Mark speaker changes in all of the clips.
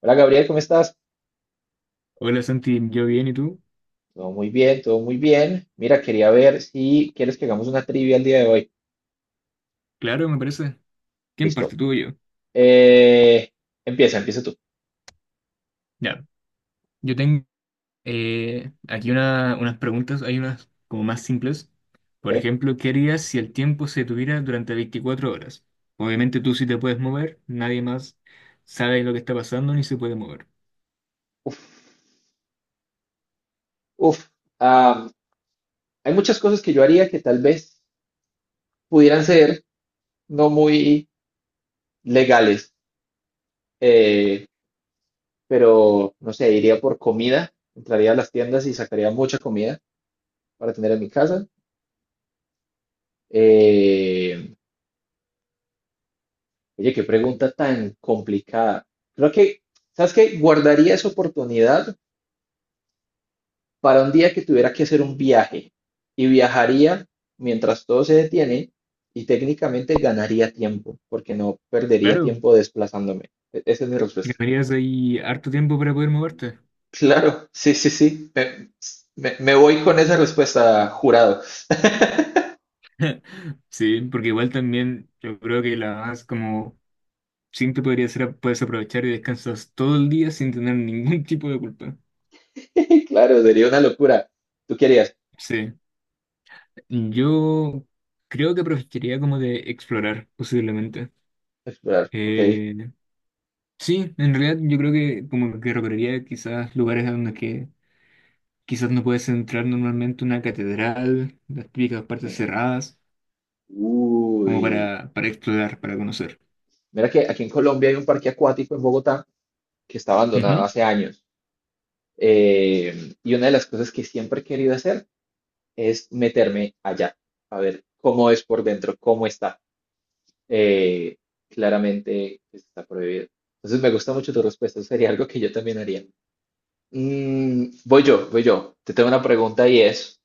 Speaker 1: Hola Gabriel, ¿cómo estás?
Speaker 2: Hola Santi, yo bien, ¿y tú?
Speaker 1: Todo muy bien, todo muy bien. Mira, quería ver si quieres que hagamos una trivia el día de hoy.
Speaker 2: Claro, me parece. ¿Quién
Speaker 1: Listo.
Speaker 2: parte, tú o yo?
Speaker 1: Eh, empieza tú.
Speaker 2: Ya, yo tengo aquí unas preguntas, hay unas como más simples. Por
Speaker 1: ¿Ok?
Speaker 2: ejemplo, ¿qué harías si el tiempo se tuviera durante 24 horas? Obviamente tú sí te puedes mover, nadie más sabe lo que está pasando ni se puede mover.
Speaker 1: Uf, uf. Ah, hay muchas cosas que yo haría que tal vez pudieran ser no muy legales, eh, pero no sé, iría por comida, entraría a las tiendas y sacaría mucha comida para tener en mi casa. Eh, oye, qué pregunta tan complicada. Creo que, ¿Sabes qué? Guardaría esa oportunidad para un día que tuviera que hacer un viaje y viajaría mientras todo se detiene y técnicamente ganaría tiempo porque no perdería
Speaker 2: Claro,
Speaker 1: tiempo desplazándome. Esa es mi respuesta.
Speaker 2: ganarías ahí harto tiempo para poder moverte.
Speaker 1: Claro, sí, sí, sí. Me voy con esa respuesta, jurado.
Speaker 2: Sí, porque igual también yo creo que la más como simple podría ser, puedes aprovechar y descansas todo el día sin tener ningún tipo de culpa.
Speaker 1: Claro, sería una locura. ¿Tú querías
Speaker 2: Sí, yo creo que preferiría como de explorar, posiblemente.
Speaker 1: explorar? Ok.
Speaker 2: Eh, sí, en realidad yo creo que como que recorrería quizás lugares a donde que quizás no puedes entrar normalmente una catedral, las típicas partes
Speaker 1: que-
Speaker 2: cerradas, como
Speaker 1: Uy.
Speaker 2: para explorar, para conocer.
Speaker 1: Mira que aquí en Colombia hay un parque acuático en Bogotá que está abandonado
Speaker 2: Ujú.
Speaker 1: hace años. Y una de las cosas que siempre he querido hacer es meterme allá, a ver cómo es por dentro, cómo está. Eh, claramente pues, está prohibido. Entonces me gusta mucho tu respuesta, eso sería algo que yo también haría. Mm, voy yo, voy yo. Te tengo una pregunta y es,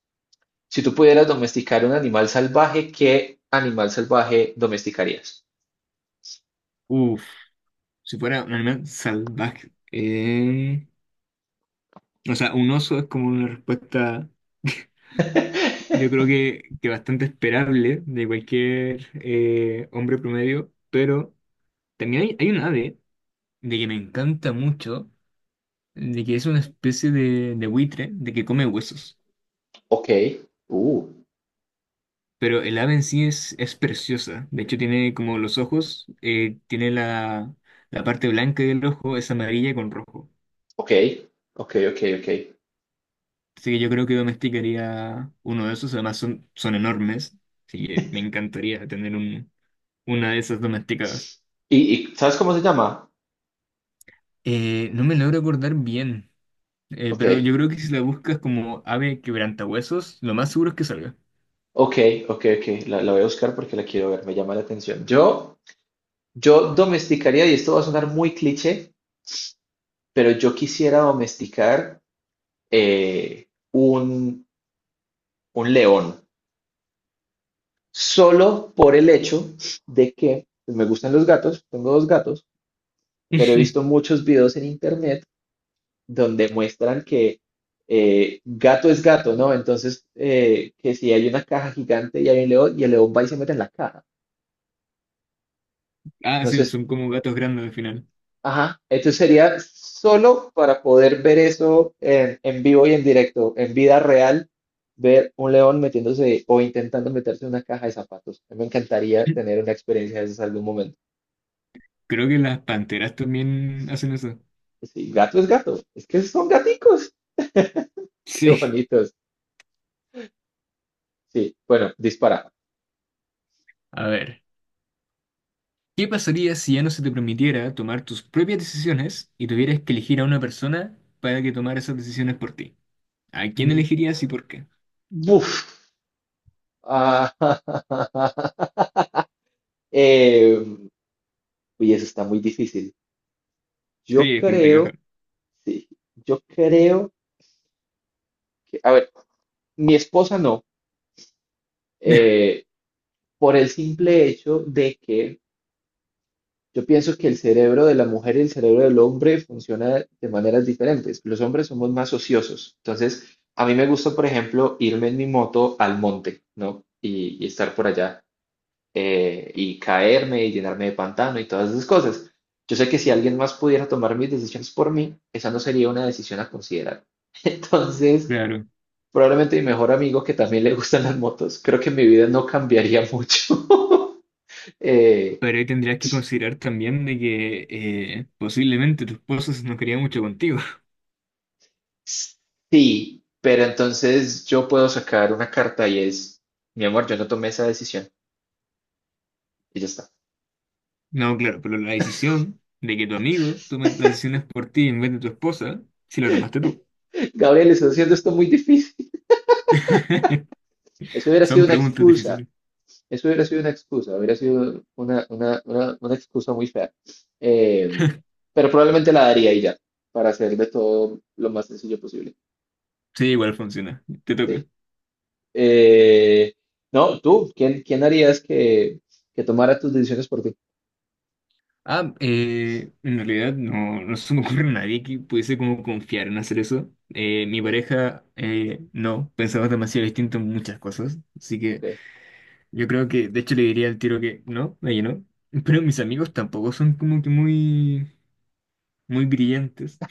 Speaker 1: si tú pudieras domesticar un animal salvaje, ¿qué animal salvaje domesticarías?
Speaker 2: Uf, si fuera un animal salvaje. O sea, un oso es como una respuesta. Yo creo que bastante esperable de cualquier hombre promedio, pero también hay un ave de que me encanta mucho, de que es una especie de buitre, de que come huesos.
Speaker 1: Ok, uh,
Speaker 2: Pero el ave en sí es preciosa. De hecho, tiene como los ojos, tiene la parte blanca del ojo, es amarilla con rojo.
Speaker 1: ok, ok, ok, ok.
Speaker 2: Así que yo creo que domesticaría uno de esos, además son enormes. Así que me encantaría tener una de esas domesticadas.
Speaker 1: ¿Y, y sabes cómo se llama?
Speaker 2: No me logro acordar bien,
Speaker 1: Ok,
Speaker 2: pero yo creo que si la buscas como ave quebrantahuesos, lo más seguro es que salga.
Speaker 1: ok, ok, ok. La voy a buscar porque la quiero ver, me llama la atención. Yo... Yo domesticaría, y esto va a sonar muy cliché, pero yo quisiera domesticar eh, un, un león, solo por el hecho de que pues, me gustan los gatos, tengo dos gatos, pero he visto muchos videos en internet donde muestran que gato es gato, ¿no? Entonces, que si hay una caja gigante y hay un león, y el león va y se mete en la caja.
Speaker 2: Ah,
Speaker 1: No sé.
Speaker 2: sí, son como gatos grandes al final.
Speaker 1: Ajá, entonces sería solo para poder ver eso en vivo y en directo, en vida real, ver un león metiéndose o intentando meterse en una caja de zapatos. A mí me encantaría tener una experiencia de esas algún momento.
Speaker 2: Creo que las panteras también hacen eso.
Speaker 1: Pues sí, gato, es que son gaticos, qué
Speaker 2: Sí.
Speaker 1: bonitos. Sí, bueno, dispara.
Speaker 2: A ver, ¿qué pasaría si ya no se te permitiera tomar tus propias decisiones y tuvieras que elegir a una persona para que tomara esas decisiones por ti? ¿A quién
Speaker 1: Mm,
Speaker 2: elegirías y por qué?
Speaker 1: buf. Ah, eh, uy, eso está muy difícil. Yo
Speaker 2: Sí, es complicado.
Speaker 1: creo, sí, yo creo que, a ver, mi esposa no. Eh, por el simple hecho de que yo pienso que el cerebro de la mujer y el cerebro del hombre funciona de maneras diferentes. Los hombres somos más ociosos. Entonces, a mí me gusta, por ejemplo, irme en mi moto al monte, ¿no? Y estar por allá y caerme y llenarme de pantano y todas esas cosas. Yo sé que si alguien más pudiera tomar mis decisiones por mí, esa no sería una decisión a considerar. Entonces,
Speaker 2: Claro,
Speaker 1: probablemente mi mejor amigo que también le gustan las motos, creo que mi vida no cambiaría mucho. Eh,
Speaker 2: pero ahí tendrías que considerar también de que posiblemente tu esposo no quería mucho contigo.
Speaker 1: sí, pero entonces yo puedo sacar una carta y es, mi amor, yo no tomé esa decisión. Y ya está.
Speaker 2: No, claro, pero la decisión de que tu amigo tome las decisiones por ti en vez de tu esposa, si la tomaste tú.
Speaker 1: Gabriel, estás haciendo esto muy difícil. Eso hubiera sido
Speaker 2: Son
Speaker 1: una
Speaker 2: preguntas
Speaker 1: excusa.
Speaker 2: difíciles.
Speaker 1: Eso hubiera sido una excusa. Hubiera sido una excusa muy fea. Eh, pero probablemente la daría y ya, para hacer de todo lo más sencillo posible.
Speaker 2: Sí, igual funciona. Te toca.
Speaker 1: Sí. Eh, no, tú, ¿quién, quién harías que tomara tus decisiones por ti?
Speaker 2: Ah, en realidad no se me ocurre a nadie que pudiese como confiar en hacer eso. Mi
Speaker 1: Ok,
Speaker 2: pareja, no, pensaba demasiado distinto en muchas cosas. Así
Speaker 1: ok,
Speaker 2: que yo creo que, de hecho, le diría al tiro que no, ella no. Pero mis amigos tampoco son como que muy brillantes,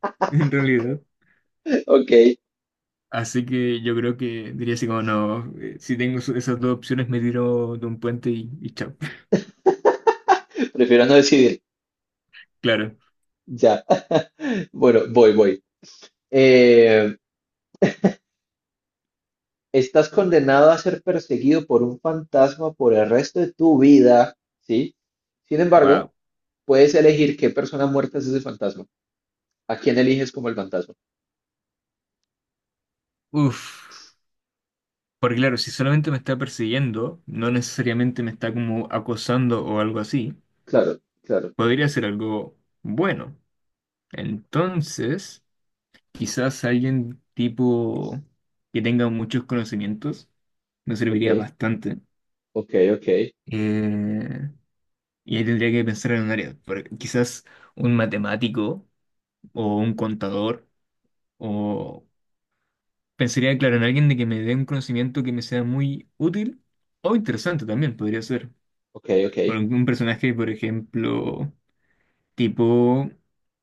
Speaker 2: en realidad.
Speaker 1: ok.
Speaker 2: Así que yo creo que diría así como no, si tengo esas dos opciones me tiro de un puente y chao.
Speaker 1: Prefiero no decidir.
Speaker 2: Claro.
Speaker 1: Ya. Bueno, voy, voy. Eh, estás condenado a ser perseguido por un fantasma por el resto de tu vida, ¿sí? Sin embargo,
Speaker 2: Wow.
Speaker 1: puedes elegir qué persona muerta es ese fantasma. ¿A quién eliges como el fantasma?
Speaker 2: Uf. Porque claro, si solamente me está persiguiendo, no necesariamente me está como acosando o algo así,
Speaker 1: Claro, claro.
Speaker 2: podría ser algo bueno. Entonces, quizás alguien tipo que tenga muchos conocimientos me
Speaker 1: Ok,
Speaker 2: serviría bastante.
Speaker 1: ok, ok,
Speaker 2: Eh, y ahí tendría que pensar en un área. Quizás un matemático o un contador o pensaría, claro, en alguien de que me dé un conocimiento que me sea muy útil o interesante también, podría ser.
Speaker 1: ok, ok,
Speaker 2: Por un personaje, por ejemplo, tipo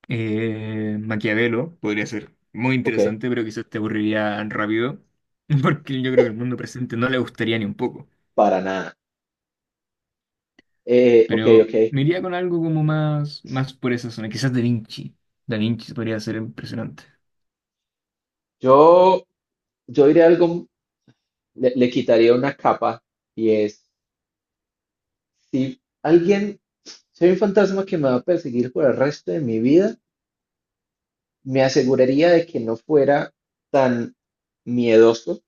Speaker 2: Maquiavelo, podría ser muy
Speaker 1: ok.
Speaker 2: interesante, pero quizás te aburriría rápido, porque yo creo que el mundo presente no le gustaría ni un poco.
Speaker 1: Para nada. Ok,
Speaker 2: Pero
Speaker 1: ok.
Speaker 2: me iría con algo como más por esa zona, quizás Da Vinci. Da Vinci podría ser impresionante.
Speaker 1: Yo, yo diré algo, le quitaría una capa y es, si alguien, soy un fantasma que me va a perseguir por el resto de mi vida. Me aseguraría de que no fuera tan miedoso,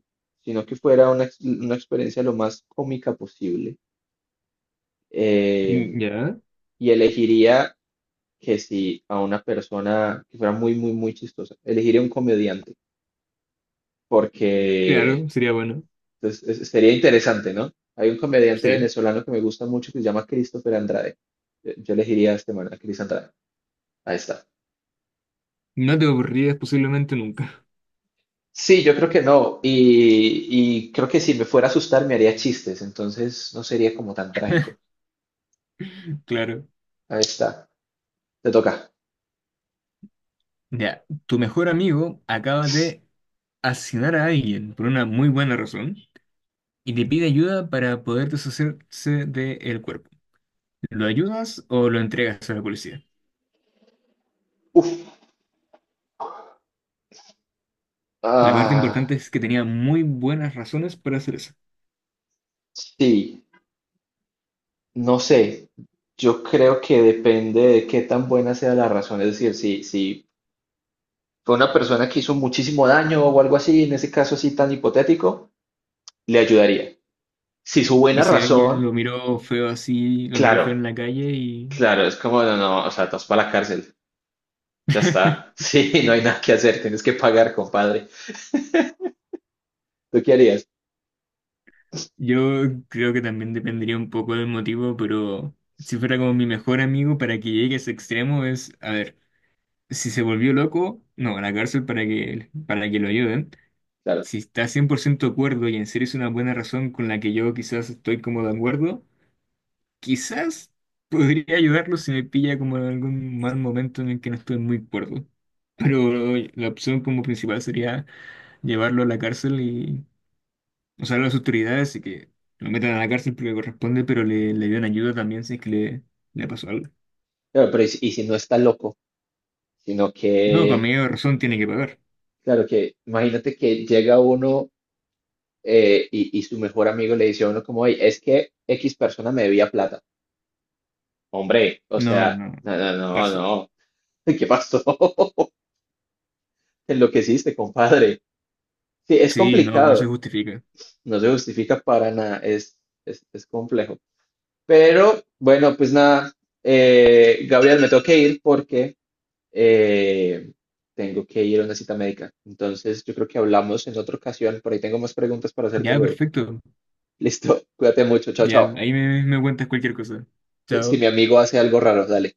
Speaker 1: sino que fuera una, una experiencia lo más cómica posible. Eh,
Speaker 2: Mm, ya,
Speaker 1: y elegiría que si a una persona que fuera muy, muy, muy chistosa, elegiría un comediante, porque
Speaker 2: claro, sería bueno.
Speaker 1: pues, sería interesante, ¿no? Hay un comediante
Speaker 2: Sí.
Speaker 1: venezolano que me gusta mucho que se llama Christopher Andrade. Yo elegiría a este man, a Chris Andrade. Ahí está.
Speaker 2: No te aburrirías posiblemente nunca.
Speaker 1: Sí, yo creo que no. Y creo que si me fuera a asustar me haría chistes, entonces no sería como tan trágico.
Speaker 2: Claro.
Speaker 1: Ahí está. Te toca.
Speaker 2: Ya, tu mejor amigo acaba de asesinar a alguien por una muy buena razón y te pide ayuda para poder deshacerse del cuerpo. ¿Lo ayudas o lo entregas a la policía?
Speaker 1: Uf.
Speaker 2: La parte
Speaker 1: Ah,
Speaker 2: importante es que tenía muy buenas razones para hacer eso.
Speaker 1: sí. No sé. Yo creo que depende de qué tan buena sea la razón. Es decir, si, si fue una persona que hizo muchísimo daño o algo así, en ese caso así tan hipotético, le ayudaría. Si su buena
Speaker 2: Y si alguien
Speaker 1: razón,
Speaker 2: lo miró feo así, lo miró feo
Speaker 1: claro,
Speaker 2: en la calle y...
Speaker 1: claro, es como, no, no, o sea, te vas para la cárcel. Ya está. Sí, no hay nada que hacer. Tienes que pagar, compadre. ¿Tú qué harías?
Speaker 2: Yo creo que también dependería un poco del motivo, pero si fuera como mi mejor amigo para que llegue a ese extremo es, a ver. Si se volvió loco, no, a la cárcel para para que lo ayuden.
Speaker 1: Claro,
Speaker 2: Si está 100% de acuerdo y en serio es una buena razón con la que yo quizás estoy como de acuerdo, quizás podría ayudarlo si me pilla como en algún mal momento en el que no estoy muy de acuerdo. Pero la opción como principal sería llevarlo a la cárcel y, o sea, a las autoridades y que lo metan a la cárcel porque corresponde, pero le den ayuda también si es que le pasó algo.
Speaker 1: claro, pero y si no está loco, sino
Speaker 2: No, con
Speaker 1: que,
Speaker 2: medio de razón tiene que pagar.
Speaker 1: claro, que imagínate que llega uno y su mejor amigo le dice a uno como, "Ey, es que X persona me debía plata". Hombre, o
Speaker 2: No,
Speaker 1: sea,
Speaker 2: no,
Speaker 1: no, no, no,
Speaker 2: cárcel.
Speaker 1: no. ¿Qué pasó? Te enloqueciste, compadre. Sí, es
Speaker 2: Sí, no, no se
Speaker 1: complicado.
Speaker 2: justifica.
Speaker 1: No se justifica para nada. Es complejo. Pero bueno, pues nada. Gabriel, me tengo que ir porque eh, tengo que ir a una cita médica. Entonces, yo creo que hablamos en otra ocasión. Por ahí tengo más preguntas para hacerte
Speaker 2: Ya,
Speaker 1: luego.
Speaker 2: perfecto.
Speaker 1: Listo, cuídate mucho. Chao,
Speaker 2: Ya,
Speaker 1: chao.
Speaker 2: ahí me cuentas cualquier cosa.
Speaker 1: Si
Speaker 2: Chao.
Speaker 1: mi amigo hace algo raro, dale.